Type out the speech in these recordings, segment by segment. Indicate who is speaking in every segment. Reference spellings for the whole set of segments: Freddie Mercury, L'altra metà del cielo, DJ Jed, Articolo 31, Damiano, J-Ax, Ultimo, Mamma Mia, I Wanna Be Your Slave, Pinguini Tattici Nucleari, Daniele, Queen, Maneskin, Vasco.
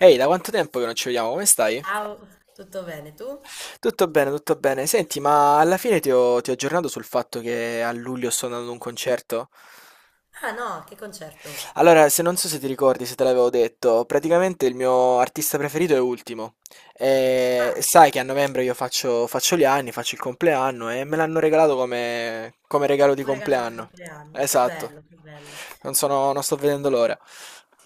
Speaker 1: Ehi, da quanto tempo che non ci vediamo? Come stai?
Speaker 2: Ciao, tutto bene tu?
Speaker 1: Tutto bene, tutto bene. Senti, ma alla fine ti ho aggiornato sul fatto che a luglio sto andando ad un concerto?
Speaker 2: Ah no, che concerto?
Speaker 1: Allora, se non so se ti ricordi, se te l'avevo detto, praticamente il mio artista preferito è Ultimo. E
Speaker 2: Ah,
Speaker 1: sai che a novembre io faccio gli anni, faccio il compleanno e me l'hanno regalato come regalo di
Speaker 2: un regalo di
Speaker 1: compleanno.
Speaker 2: compleanno, che
Speaker 1: Esatto.
Speaker 2: bello, che bello.
Speaker 1: Non sto vedendo l'ora.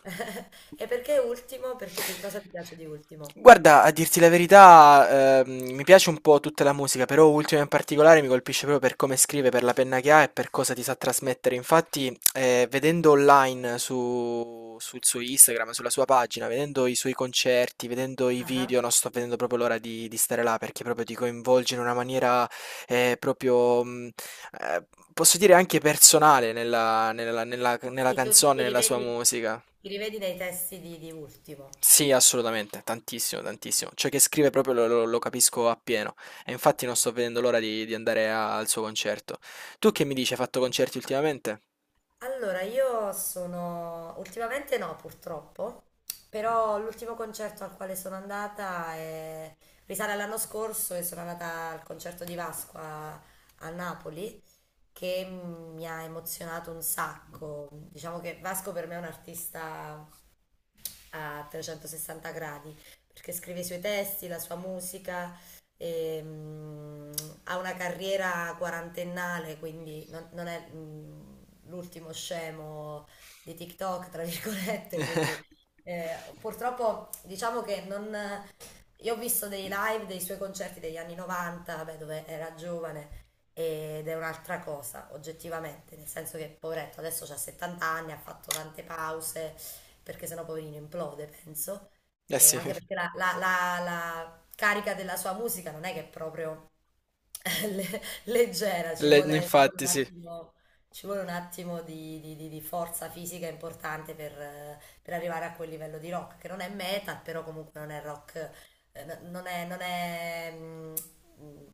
Speaker 2: E perché ultimo? Cosa ti piace di ultimo?
Speaker 1: Guarda, a dirti la verità, mi piace un po' tutta la musica, però Ultimo in particolare mi colpisce proprio per come scrive, per la penna che ha e per cosa ti sa trasmettere. Infatti, vedendo online sul suo Instagram, sulla sua pagina, vedendo i suoi concerti, vedendo i
Speaker 2: Ah, ah.
Speaker 1: video, non sto vedendo proprio l'ora di stare là perché proprio ti coinvolge in una maniera eh, proprio, mh, eh, posso dire anche personale nella
Speaker 2: Sì, tu
Speaker 1: canzone,
Speaker 2: ti
Speaker 1: nella sua
Speaker 2: rivedi,
Speaker 1: musica.
Speaker 2: ti rivedi nei testi di ultimo.
Speaker 1: Sì, assolutamente, tantissimo, tantissimo. Ciò che scrive proprio lo capisco appieno. E infatti non sto vedendo l'ora di andare al suo concerto. Tu che mi dici, hai fatto concerti ultimamente?
Speaker 2: Allora, ultimamente no, purtroppo, però l'ultimo concerto al quale sono andata risale all'anno scorso, e sono andata al concerto di Vasco a Napoli, che mi ha emozionato un sacco. Diciamo che Vasco per me è un artista a 360 gradi, perché scrive i suoi testi, la sua musica, e ha una carriera quarantennale, quindi non è l'ultimo scemo di TikTok, tra virgolette, quindi purtroppo diciamo che non... Io ho visto dei live dei suoi concerti degli anni 90, vabbè, dove era giovane, ed è un'altra cosa, oggettivamente, nel senso che, poveretto, adesso ha 70 anni, ha fatto tante pause, perché sennò poverino implode, penso.
Speaker 1: Eh
Speaker 2: E
Speaker 1: sì,
Speaker 2: anche perché la carica della sua musica non è che è proprio leggera, ci vuole, ci vuole
Speaker 1: infatti
Speaker 2: un
Speaker 1: sì.
Speaker 2: attimo, ci vuole un attimo di forza fisica importante per per arrivare a quel livello di rock, che non è metal, però comunque non è rock, non è,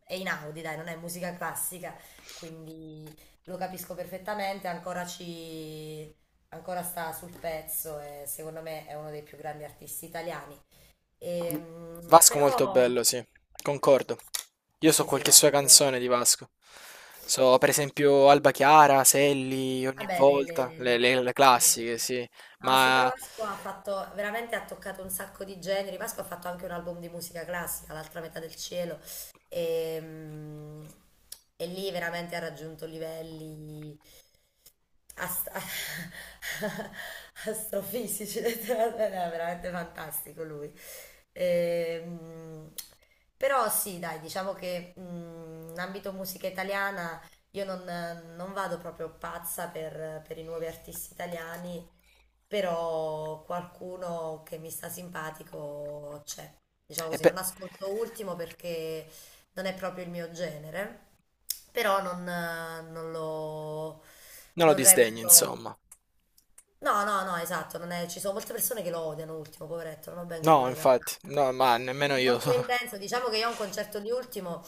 Speaker 2: dai, non è musica classica, quindi lo capisco perfettamente. Ancora sta sul pezzo e secondo me è uno dei più grandi artisti italiani.
Speaker 1: V-
Speaker 2: Ehm,
Speaker 1: Vasco molto
Speaker 2: però
Speaker 1: bello, sì, concordo. Io so
Speaker 2: sì, sì,
Speaker 1: qualche sua
Speaker 2: Vasco.
Speaker 1: canzone di Vasco. So per esempio Alba Chiara, Selli, ogni
Speaker 2: Vabbè,
Speaker 1: volta, le
Speaker 2: le-
Speaker 1: classiche, sì.
Speaker 2: no, sì, però
Speaker 1: Ma
Speaker 2: Vasco veramente ha toccato un sacco di generi. Vasco ha fatto anche un album di musica classica, L'altra metà del cielo. Ehm, E lì veramente ha raggiunto livelli Ast- astrofisici, letteralmente, no, è veramente fantastico lui. Ehm, Però sì, dai, diciamo che in ambito musica italiana io non vado proprio pazza per i nuovi artisti italiani, però qualcuno che mi sta simpatico c'è. Diciamo
Speaker 1: e
Speaker 2: così, non
Speaker 1: pe-
Speaker 2: ascolto Ultimo perché non è proprio il mio genere, però non lo
Speaker 1: Non lo
Speaker 2: non
Speaker 1: disdegno,
Speaker 2: reputo.
Speaker 1: insomma.
Speaker 2: No, no, no, esatto, non è- ci sono molte persone che lo odiano Ultimo, poveretto, non ho ben
Speaker 1: No,
Speaker 2: capito che ha
Speaker 1: infatti,
Speaker 2: fatto.
Speaker 1: no, ma nemmeno
Speaker 2: È
Speaker 1: io.
Speaker 2: molto intenso, diciamo che io a un concerto di Ultimo,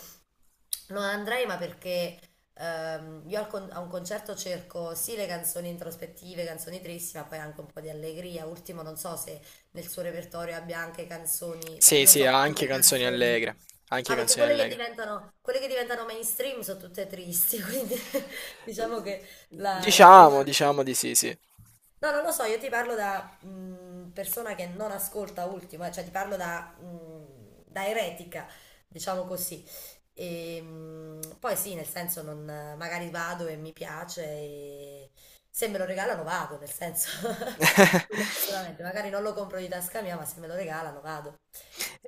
Speaker 2: no, andrei, ma perché io a un concerto cerco sì le canzoni introspettive, canzoni tristi, ma poi anche un po' di allegria. Ultimo, non so se nel suo repertorio abbia anche canzoni, cioè
Speaker 1: Sì,
Speaker 2: non
Speaker 1: sì,
Speaker 2: so
Speaker 1: ha anche
Speaker 2: quante
Speaker 1: canzoni
Speaker 2: canzoni.
Speaker 1: allegre, anche
Speaker 2: Ah, perché
Speaker 1: canzoni allegre.
Speaker 2: quelle che diventano mainstream sono tutte tristi, quindi diciamo che la, la prima
Speaker 1: Diciamo di sì, sì.
Speaker 2: no, non lo so, io ti parlo da persona che non ascolta Ultimo, cioè ti parlo da eretica, diciamo così. E poi sì, nel senso, non, magari vado e mi piace, e se me lo regalano vado, nel senso, quello sicuramente, magari non lo compro di tasca mia, ma se me lo regalano vado.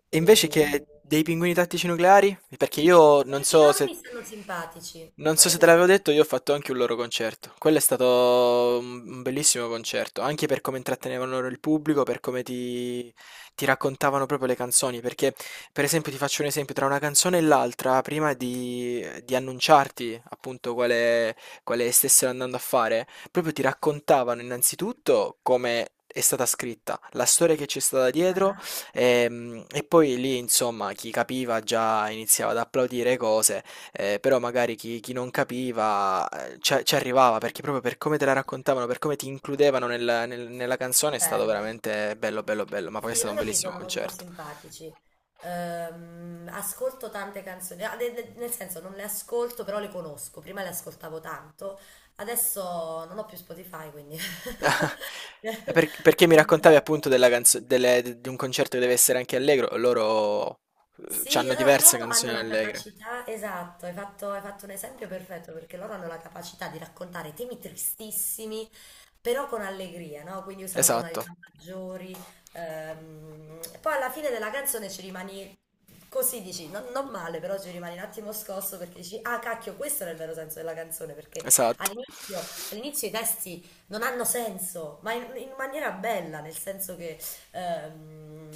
Speaker 1: E invece
Speaker 2: E,
Speaker 1: che dei pinguini tattici nucleari? Perché io non
Speaker 2: e
Speaker 1: so
Speaker 2: loro
Speaker 1: se
Speaker 2: mi stanno simpatici,
Speaker 1: non so
Speaker 2: loro
Speaker 1: se
Speaker 2: mi
Speaker 1: te l'avevo
Speaker 2: sono...
Speaker 1: detto, io ho fatto anche un loro concerto. Quello è stato un bellissimo concerto, anche per come intrattenevano loro il pubblico, per come ti raccontavano proprio le canzoni. Perché, per esempio, ti faccio un esempio, tra una canzone e l'altra, prima di annunciarti appunto quale stessero andando a fare, proprio ti raccontavano innanzitutto come è stata scritta, la storia che c'è stata dietro,
Speaker 2: Ah,
Speaker 1: e poi lì, insomma, chi capiva già iniziava ad applaudire cose. Però magari chi non capiva, ce ci arrivava, perché proprio per come te la raccontavano, per come ti includevano nel nella canzone. È stato
Speaker 2: bello.
Speaker 1: veramente bello, bello, bello, ma poi è
Speaker 2: Sì,
Speaker 1: stato un
Speaker 2: loro mi
Speaker 1: bellissimo
Speaker 2: sono molto
Speaker 1: concerto.
Speaker 2: simpatici. Ascolto tante canzoni, ah, nel senso non le ascolto, però le conosco. Prima le ascoltavo tanto, adesso non ho più Spotify, quindi...
Speaker 1: Perché mi raccontavi appunto della canzo delle d di un concerto che deve essere anche allegro, loro,
Speaker 2: Sì,
Speaker 1: c'hanno
Speaker 2: loro,
Speaker 1: diverse
Speaker 2: loro hanno
Speaker 1: canzoni
Speaker 2: la
Speaker 1: allegre.
Speaker 2: capacità, esatto, hai fatto un esempio perfetto perché loro hanno la capacità di raccontare temi tristissimi, però con allegria, no? Quindi usano
Speaker 1: Esatto,
Speaker 2: tonalità maggiori. E poi alla fine della canzone ci rimani, così dici, non male, però ci rimani un attimo scosso perché dici, ah cacchio, questo era il vero senso della canzone, perché
Speaker 1: esatto.
Speaker 2: all'inizio i testi non hanno senso, ma in maniera bella, nel senso che ehm,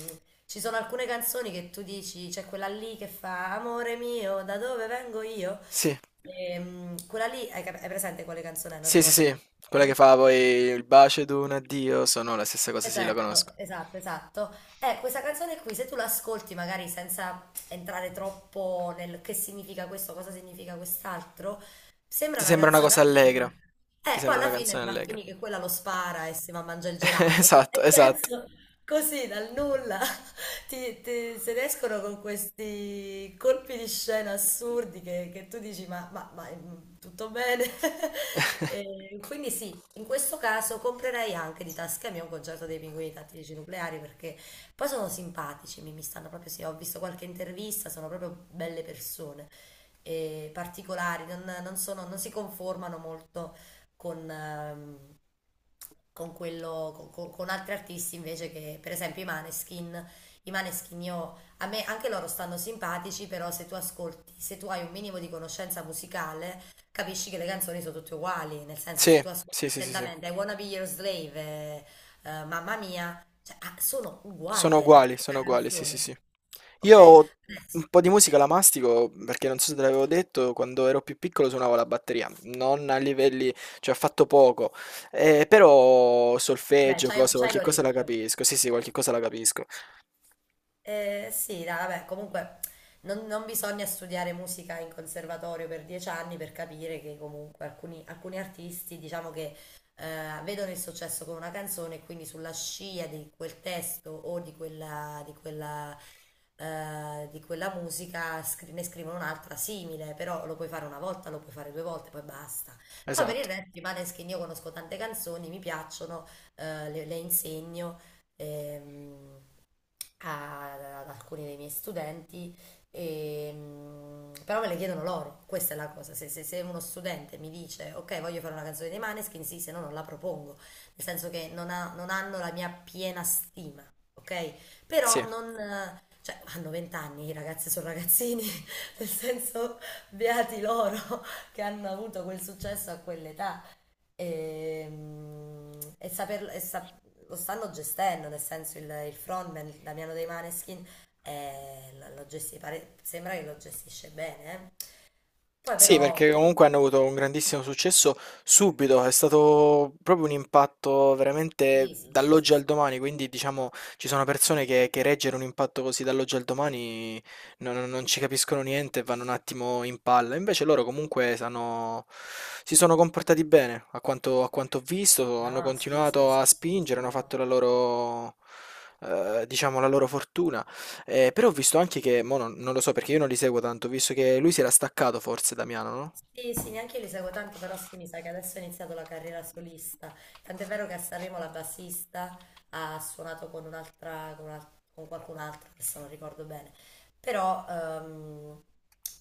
Speaker 2: ci sono alcune canzoni che tu dici, c'è quella lì che fa, amore mio, da dove vengo io?
Speaker 1: Sì.
Speaker 2: Quella lì, hai presente quale canzone? È? Non
Speaker 1: Sì, sì,
Speaker 2: ricordo
Speaker 1: sì,
Speaker 2: come si
Speaker 1: quella che
Speaker 2: chiama.
Speaker 1: fa poi il bacio ed un addio sono la stessa cosa, sì, la conosco.
Speaker 2: Esatto, esatto, esatto. Questa canzone qui, se tu l'ascolti magari senza entrare troppo nel che significa questo, cosa significa quest'altro, sembra
Speaker 1: Ti
Speaker 2: una
Speaker 1: sembra una
Speaker 2: canzone
Speaker 1: cosa
Speaker 2: allegra.
Speaker 1: allegra. Ti
Speaker 2: Poi
Speaker 1: sembra una
Speaker 2: alla fine
Speaker 1: canzone
Speaker 2: va a
Speaker 1: allegra.
Speaker 2: finire che quella lo spara e si va a mangiare il gelato, cioè,
Speaker 1: Esatto,
Speaker 2: nel
Speaker 1: esatto.
Speaker 2: senso, così dal nulla. Se ne escono con questi colpi di scena assurdi che, tu dici ma, tutto bene? E quindi sì, in questo caso comprerei anche di tasca mia un concerto dei Pinguini Tattici Nucleari perché poi sono simpatici, mi stanno proprio, sì, ho visto qualche intervista, sono proprio belle persone, e particolari, non sono- non si conformano molto con, ehm, con quello, con altri artisti invece che, per esempio, i Maneskin. I Maneskin io, a me anche loro stanno simpatici, però se tu ascolti, se tu hai un minimo di conoscenza musicale, capisci che le canzoni sono tutte uguali, nel senso se
Speaker 1: Sì,
Speaker 2: tu ascolti
Speaker 1: sì, sì, sì, sì.
Speaker 2: attentamente I Wanna Be Your Slave, Mamma Mia, cioè, ah, sono uguali, è la stessa
Speaker 1: Sono uguali, sì, sì,
Speaker 2: canzone.
Speaker 1: sì.
Speaker 2: Ok?
Speaker 1: Io
Speaker 2: Adesso,
Speaker 1: un po' di musica la mastico perché non so se te l'avevo detto, quando ero più piccolo suonavo la batteria, non a livelli, cioè ho fatto poco, però
Speaker 2: vabbè,
Speaker 1: solfeggio,
Speaker 2: c'hai
Speaker 1: cosa,
Speaker 2: c'hai
Speaker 1: qualche cosa la
Speaker 2: l'orecchio.
Speaker 1: capisco, sì sì, qualche cosa la capisco,
Speaker 2: Sì, dai, vabbè, comunque non bisogna studiare musica in conservatorio per 10 anni per capire che comunque alcuni artisti, diciamo che vedono il successo con una canzone e quindi sulla scia di quel testo o di quella musica ne scrivono un'altra simile, però lo puoi fare una volta, lo puoi fare due volte, poi basta. Poi per il
Speaker 1: esatto,
Speaker 2: resto, Maneskin, io conosco tante canzoni, mi piacciono, le insegno. Ehm, Ad alcuni dei miei studenti, e però me le chiedono loro, questa è la cosa. Se uno studente mi dice ok, voglio fare una canzone dei Maneskin, sì, se no non la propongo, nel senso che non hanno la mia piena stima, ok? Però
Speaker 1: sì.
Speaker 2: non... cioè, hanno 20 anni, i ragazzi sono ragazzini, nel senso, beati loro che hanno avuto quel successo a quell'età e, e saperlo, lo stanno gestendo, nel senso il frontman, il Damiano dei Maneskin, sembra che lo gestisce bene. Poi
Speaker 1: Sì,
Speaker 2: però,
Speaker 1: perché comunque hanno avuto un grandissimo successo subito, è stato proprio un impatto veramente
Speaker 2: sì, sì, sì, sì,
Speaker 1: dall'oggi al
Speaker 2: sì.
Speaker 1: domani, quindi diciamo ci sono persone che reggere un impatto così dall'oggi al domani non ci capiscono niente e vanno un attimo in palla, invece loro comunque sanno, si sono comportati bene, a quanto ho visto, hanno
Speaker 2: No, sì, sì,
Speaker 1: continuato
Speaker 2: sì,
Speaker 1: a
Speaker 2: sì,
Speaker 1: spingere, hanno fatto
Speaker 2: sono...
Speaker 1: la loro, diciamo, la loro fortuna. Però ho visto anche che, mo non, non lo so perché io non li seguo tanto, ho visto che lui si era staccato forse Damiano, no?
Speaker 2: Sì, sì, neanche io li seguo tanto, però sì, mi sa che adesso ha iniziato la carriera solista. Tant'è vero che a Sanremo la bassista ha suonato con un'altra, con qualcun altro, adesso non ricordo bene. Però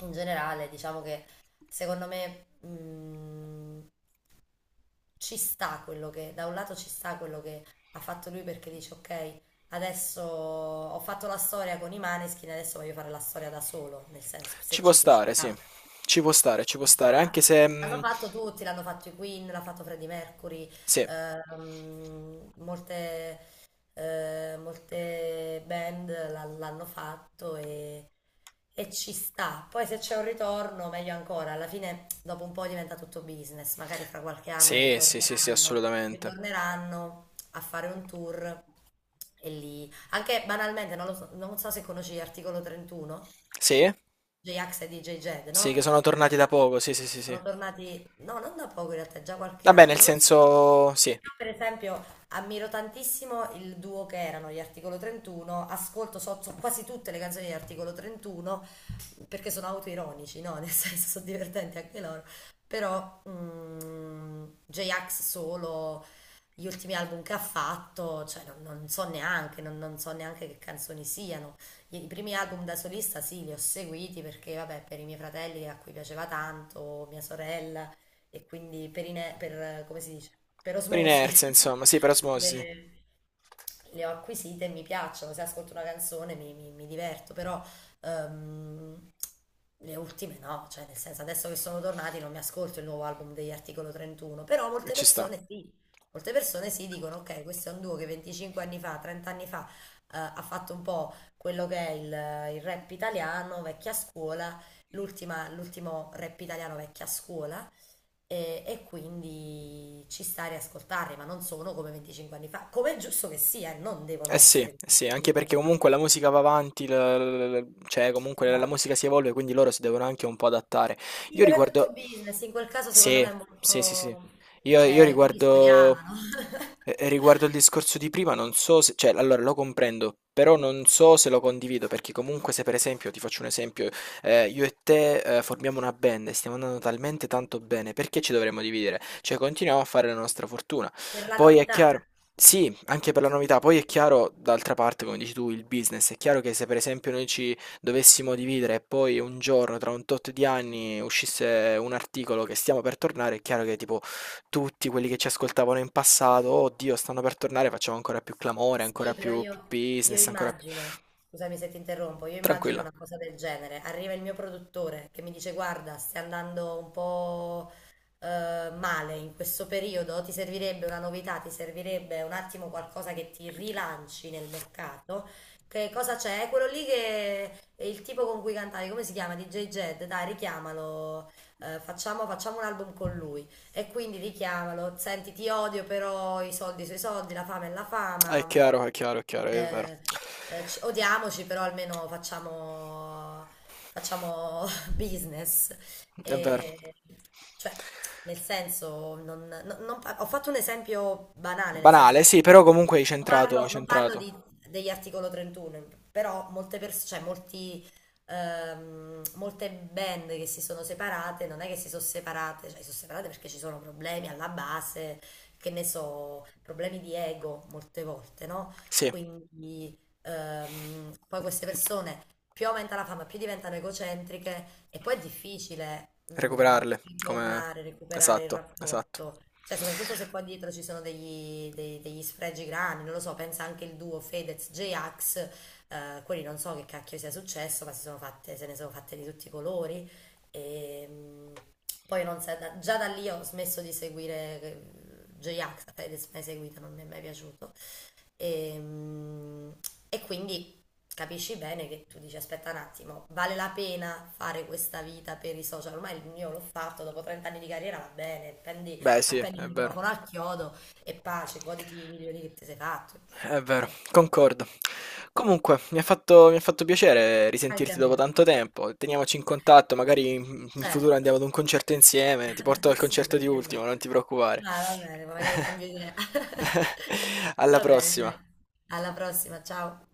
Speaker 2: in generale diciamo che secondo me ci sta da un lato ci sta quello che ha fatto lui perché dice ok, adesso ho fatto la storia con i Maneskin, adesso voglio fare la storia da solo, nel senso
Speaker 1: Ci
Speaker 2: se
Speaker 1: può
Speaker 2: ci
Speaker 1: stare, sì.
Speaker 2: riuscirà.
Speaker 1: Ci può stare,
Speaker 2: Ah.
Speaker 1: anche se...
Speaker 2: L'hanno fatto tutti, l'hanno fatto i Queen, l'ha fatto Freddie Mercury,
Speaker 1: sì.
Speaker 2: ehm, molte, molte band l'hanno fatto e ci sta. Poi se c'è un ritorno, meglio ancora, alla fine dopo un po' diventa tutto business, magari fra qualche anno
Speaker 1: Sì, sì, sì, sì,
Speaker 2: ritorneranno,
Speaker 1: assolutamente.
Speaker 2: a fare un tour e lì. Anche banalmente, non lo so, non so se conosci l'articolo 31.
Speaker 1: Sì?
Speaker 2: J-Ax e DJ Jed,
Speaker 1: Sì,
Speaker 2: no?
Speaker 1: che sono tornati da poco, sì, sì, sì, sì.
Speaker 2: Sono tornati, no, non da poco in realtà, già qualche
Speaker 1: Vabbè,
Speaker 2: anno.
Speaker 1: nel
Speaker 2: Non lo so.
Speaker 1: senso, sì,
Speaker 2: Io, per esempio, ammiro tantissimo il duo che erano gli Articolo 31, ascolto so quasi tutte le canzoni di Articolo 31 perché sono autoironici, no? Nel senso, sono divertenti anche loro. Però J-Ax solo, gli ultimi album che ha fatto, cioè non so neanche, non so neanche che canzoni siano. I primi album da solista sì, li ho seguiti perché, vabbè, per i miei fratelli a cui piaceva tanto, mia sorella, e quindi come si dice, per
Speaker 1: per
Speaker 2: osmosi,
Speaker 1: inerzia, insomma, sì, per osmosi,
Speaker 2: le- le ho acquisite e mi piacciono, se ascolto una canzone mi diverto, però ehm, le ultime no, cioè nel senso adesso che sono tornati non mi ascolto il nuovo album degli Articolo 31, però
Speaker 1: sì, ci sta.
Speaker 2: molte persone sì dicono ok, questo è un duo che 25 anni fa, 30 anni fa, ha fatto un po' quello che è il rap italiano, vecchia scuola, l'ultimo rap italiano vecchia scuola, e quindi ci sta a riascoltarli, ma non sono come 25 anni fa, come è giusto che sia, non devono
Speaker 1: Sì, eh
Speaker 2: essere come
Speaker 1: sì, anche
Speaker 2: 25
Speaker 1: perché
Speaker 2: anni fa.
Speaker 1: comunque la musica va avanti, cioè comunque la musica
Speaker 2: Esatto.
Speaker 1: si evolve, quindi loro si devono anche un po' adattare.
Speaker 2: Sì,
Speaker 1: Io
Speaker 2: però è tutto
Speaker 1: riguardo...
Speaker 2: business, in quel caso secondo
Speaker 1: Sì,
Speaker 2: me è
Speaker 1: sì, sì, sì.
Speaker 2: molto...
Speaker 1: Io
Speaker 2: Cioè, quelli
Speaker 1: riguardo...
Speaker 2: studiavano
Speaker 1: Riguardo il discorso di prima, non so se... Cioè, allora lo comprendo, però non so se lo condivido, perché comunque se per esempio, ti faccio un esempio, io e te formiamo una band e stiamo andando talmente tanto bene, perché ci dovremmo dividere? Cioè, continuiamo a fare la nostra fortuna.
Speaker 2: per la
Speaker 1: Poi è
Speaker 2: novità.
Speaker 1: chiaro... Sì, anche per la novità. Poi è chiaro, d'altra parte, come dici tu, il business. È chiaro che se per esempio noi ci dovessimo dividere e poi un giorno, tra un tot di anni, uscisse un articolo che stiamo per tornare, è chiaro che tipo tutti quelli che ci ascoltavano in passato, oh Dio, stanno per tornare, facciamo ancora più clamore, ancora
Speaker 2: Sì, però
Speaker 1: più
Speaker 2: io
Speaker 1: business, ancora più...
Speaker 2: immagino, scusami se ti interrompo, io immagino
Speaker 1: Tranquilla.
Speaker 2: una cosa del genere. Arriva il mio produttore che mi dice: guarda, stai andando un po' male in questo periodo, ti servirebbe una novità, ti servirebbe un attimo qualcosa che ti rilanci nel mercato. Che cosa c'è? È quello lì che è il tipo con cui cantavi, come si chiama? DJ Jed, dai, richiamalo, facciamo un album con lui. E quindi richiamalo, senti, ti odio, però i soldi sui soldi, la fame è la
Speaker 1: Ah, è
Speaker 2: fama.
Speaker 1: chiaro, è chiaro, è chiaro, è vero.
Speaker 2: Eh, odiamoci, però almeno facciamo business.
Speaker 1: È vero.
Speaker 2: E, cioè, nel senso, non- non- non par- ho fatto un esempio banale, nel senso
Speaker 1: Banale,
Speaker 2: che
Speaker 1: sì, però comunque hai centrato, hai
Speaker 2: non parlo
Speaker 1: centrato.
Speaker 2: degli articolo 31, però molte persone, cioè molti molte band che si sono separate, non è che si sono separate, cioè si sono separate perché ci sono problemi alla base, che ne so, problemi di ego molte volte, no?
Speaker 1: Sì,
Speaker 2: Quindi poi queste persone più aumenta la fama, più diventano egocentriche e poi è difficile
Speaker 1: recuperarle, come...
Speaker 2: ritornare, recuperare il
Speaker 1: Esatto, esatto.
Speaker 2: rapporto. Cioè, soprattutto se qua dietro ci sono degli sfregi grandi, non lo so, pensa anche il duo Fedez-J-Ax, quelli non so che cacchio sia successo, ma si sono fatte, se ne sono fatte di tutti i colori. E, poi non sa- da- già da lì ho smesso di seguire J-Ax, l'ho mai seguita, non mi è mai piaciuto. E, mm, e quindi capisci bene che tu dici, aspetta un attimo, vale la pena fare questa vita per i social? Ormai il mio l'ho fatto, dopo 30 anni di carriera va bene, prendi,
Speaker 1: Beh sì,
Speaker 2: appendi il
Speaker 1: è vero.
Speaker 2: microfono al chiodo e pace, goditi i milioni che ti sei fatto. Cioè,
Speaker 1: È vero,
Speaker 2: qual è?
Speaker 1: concordo. Comunque, mi ha fatto piacere
Speaker 2: Anche
Speaker 1: risentirti
Speaker 2: a
Speaker 1: dopo
Speaker 2: me.
Speaker 1: tanto tempo. Teniamoci in contatto, magari in futuro
Speaker 2: Certo,
Speaker 1: andiamo ad un concerto insieme. Ti porto al
Speaker 2: sì,
Speaker 1: concerto di
Speaker 2: perché no?
Speaker 1: Ultimo, non ti preoccupare.
Speaker 2: Dai, va bene, ma magari cambio idea.
Speaker 1: Alla
Speaker 2: Va bene,
Speaker 1: prossima.
Speaker 2: dai. Alla prossima, ciao.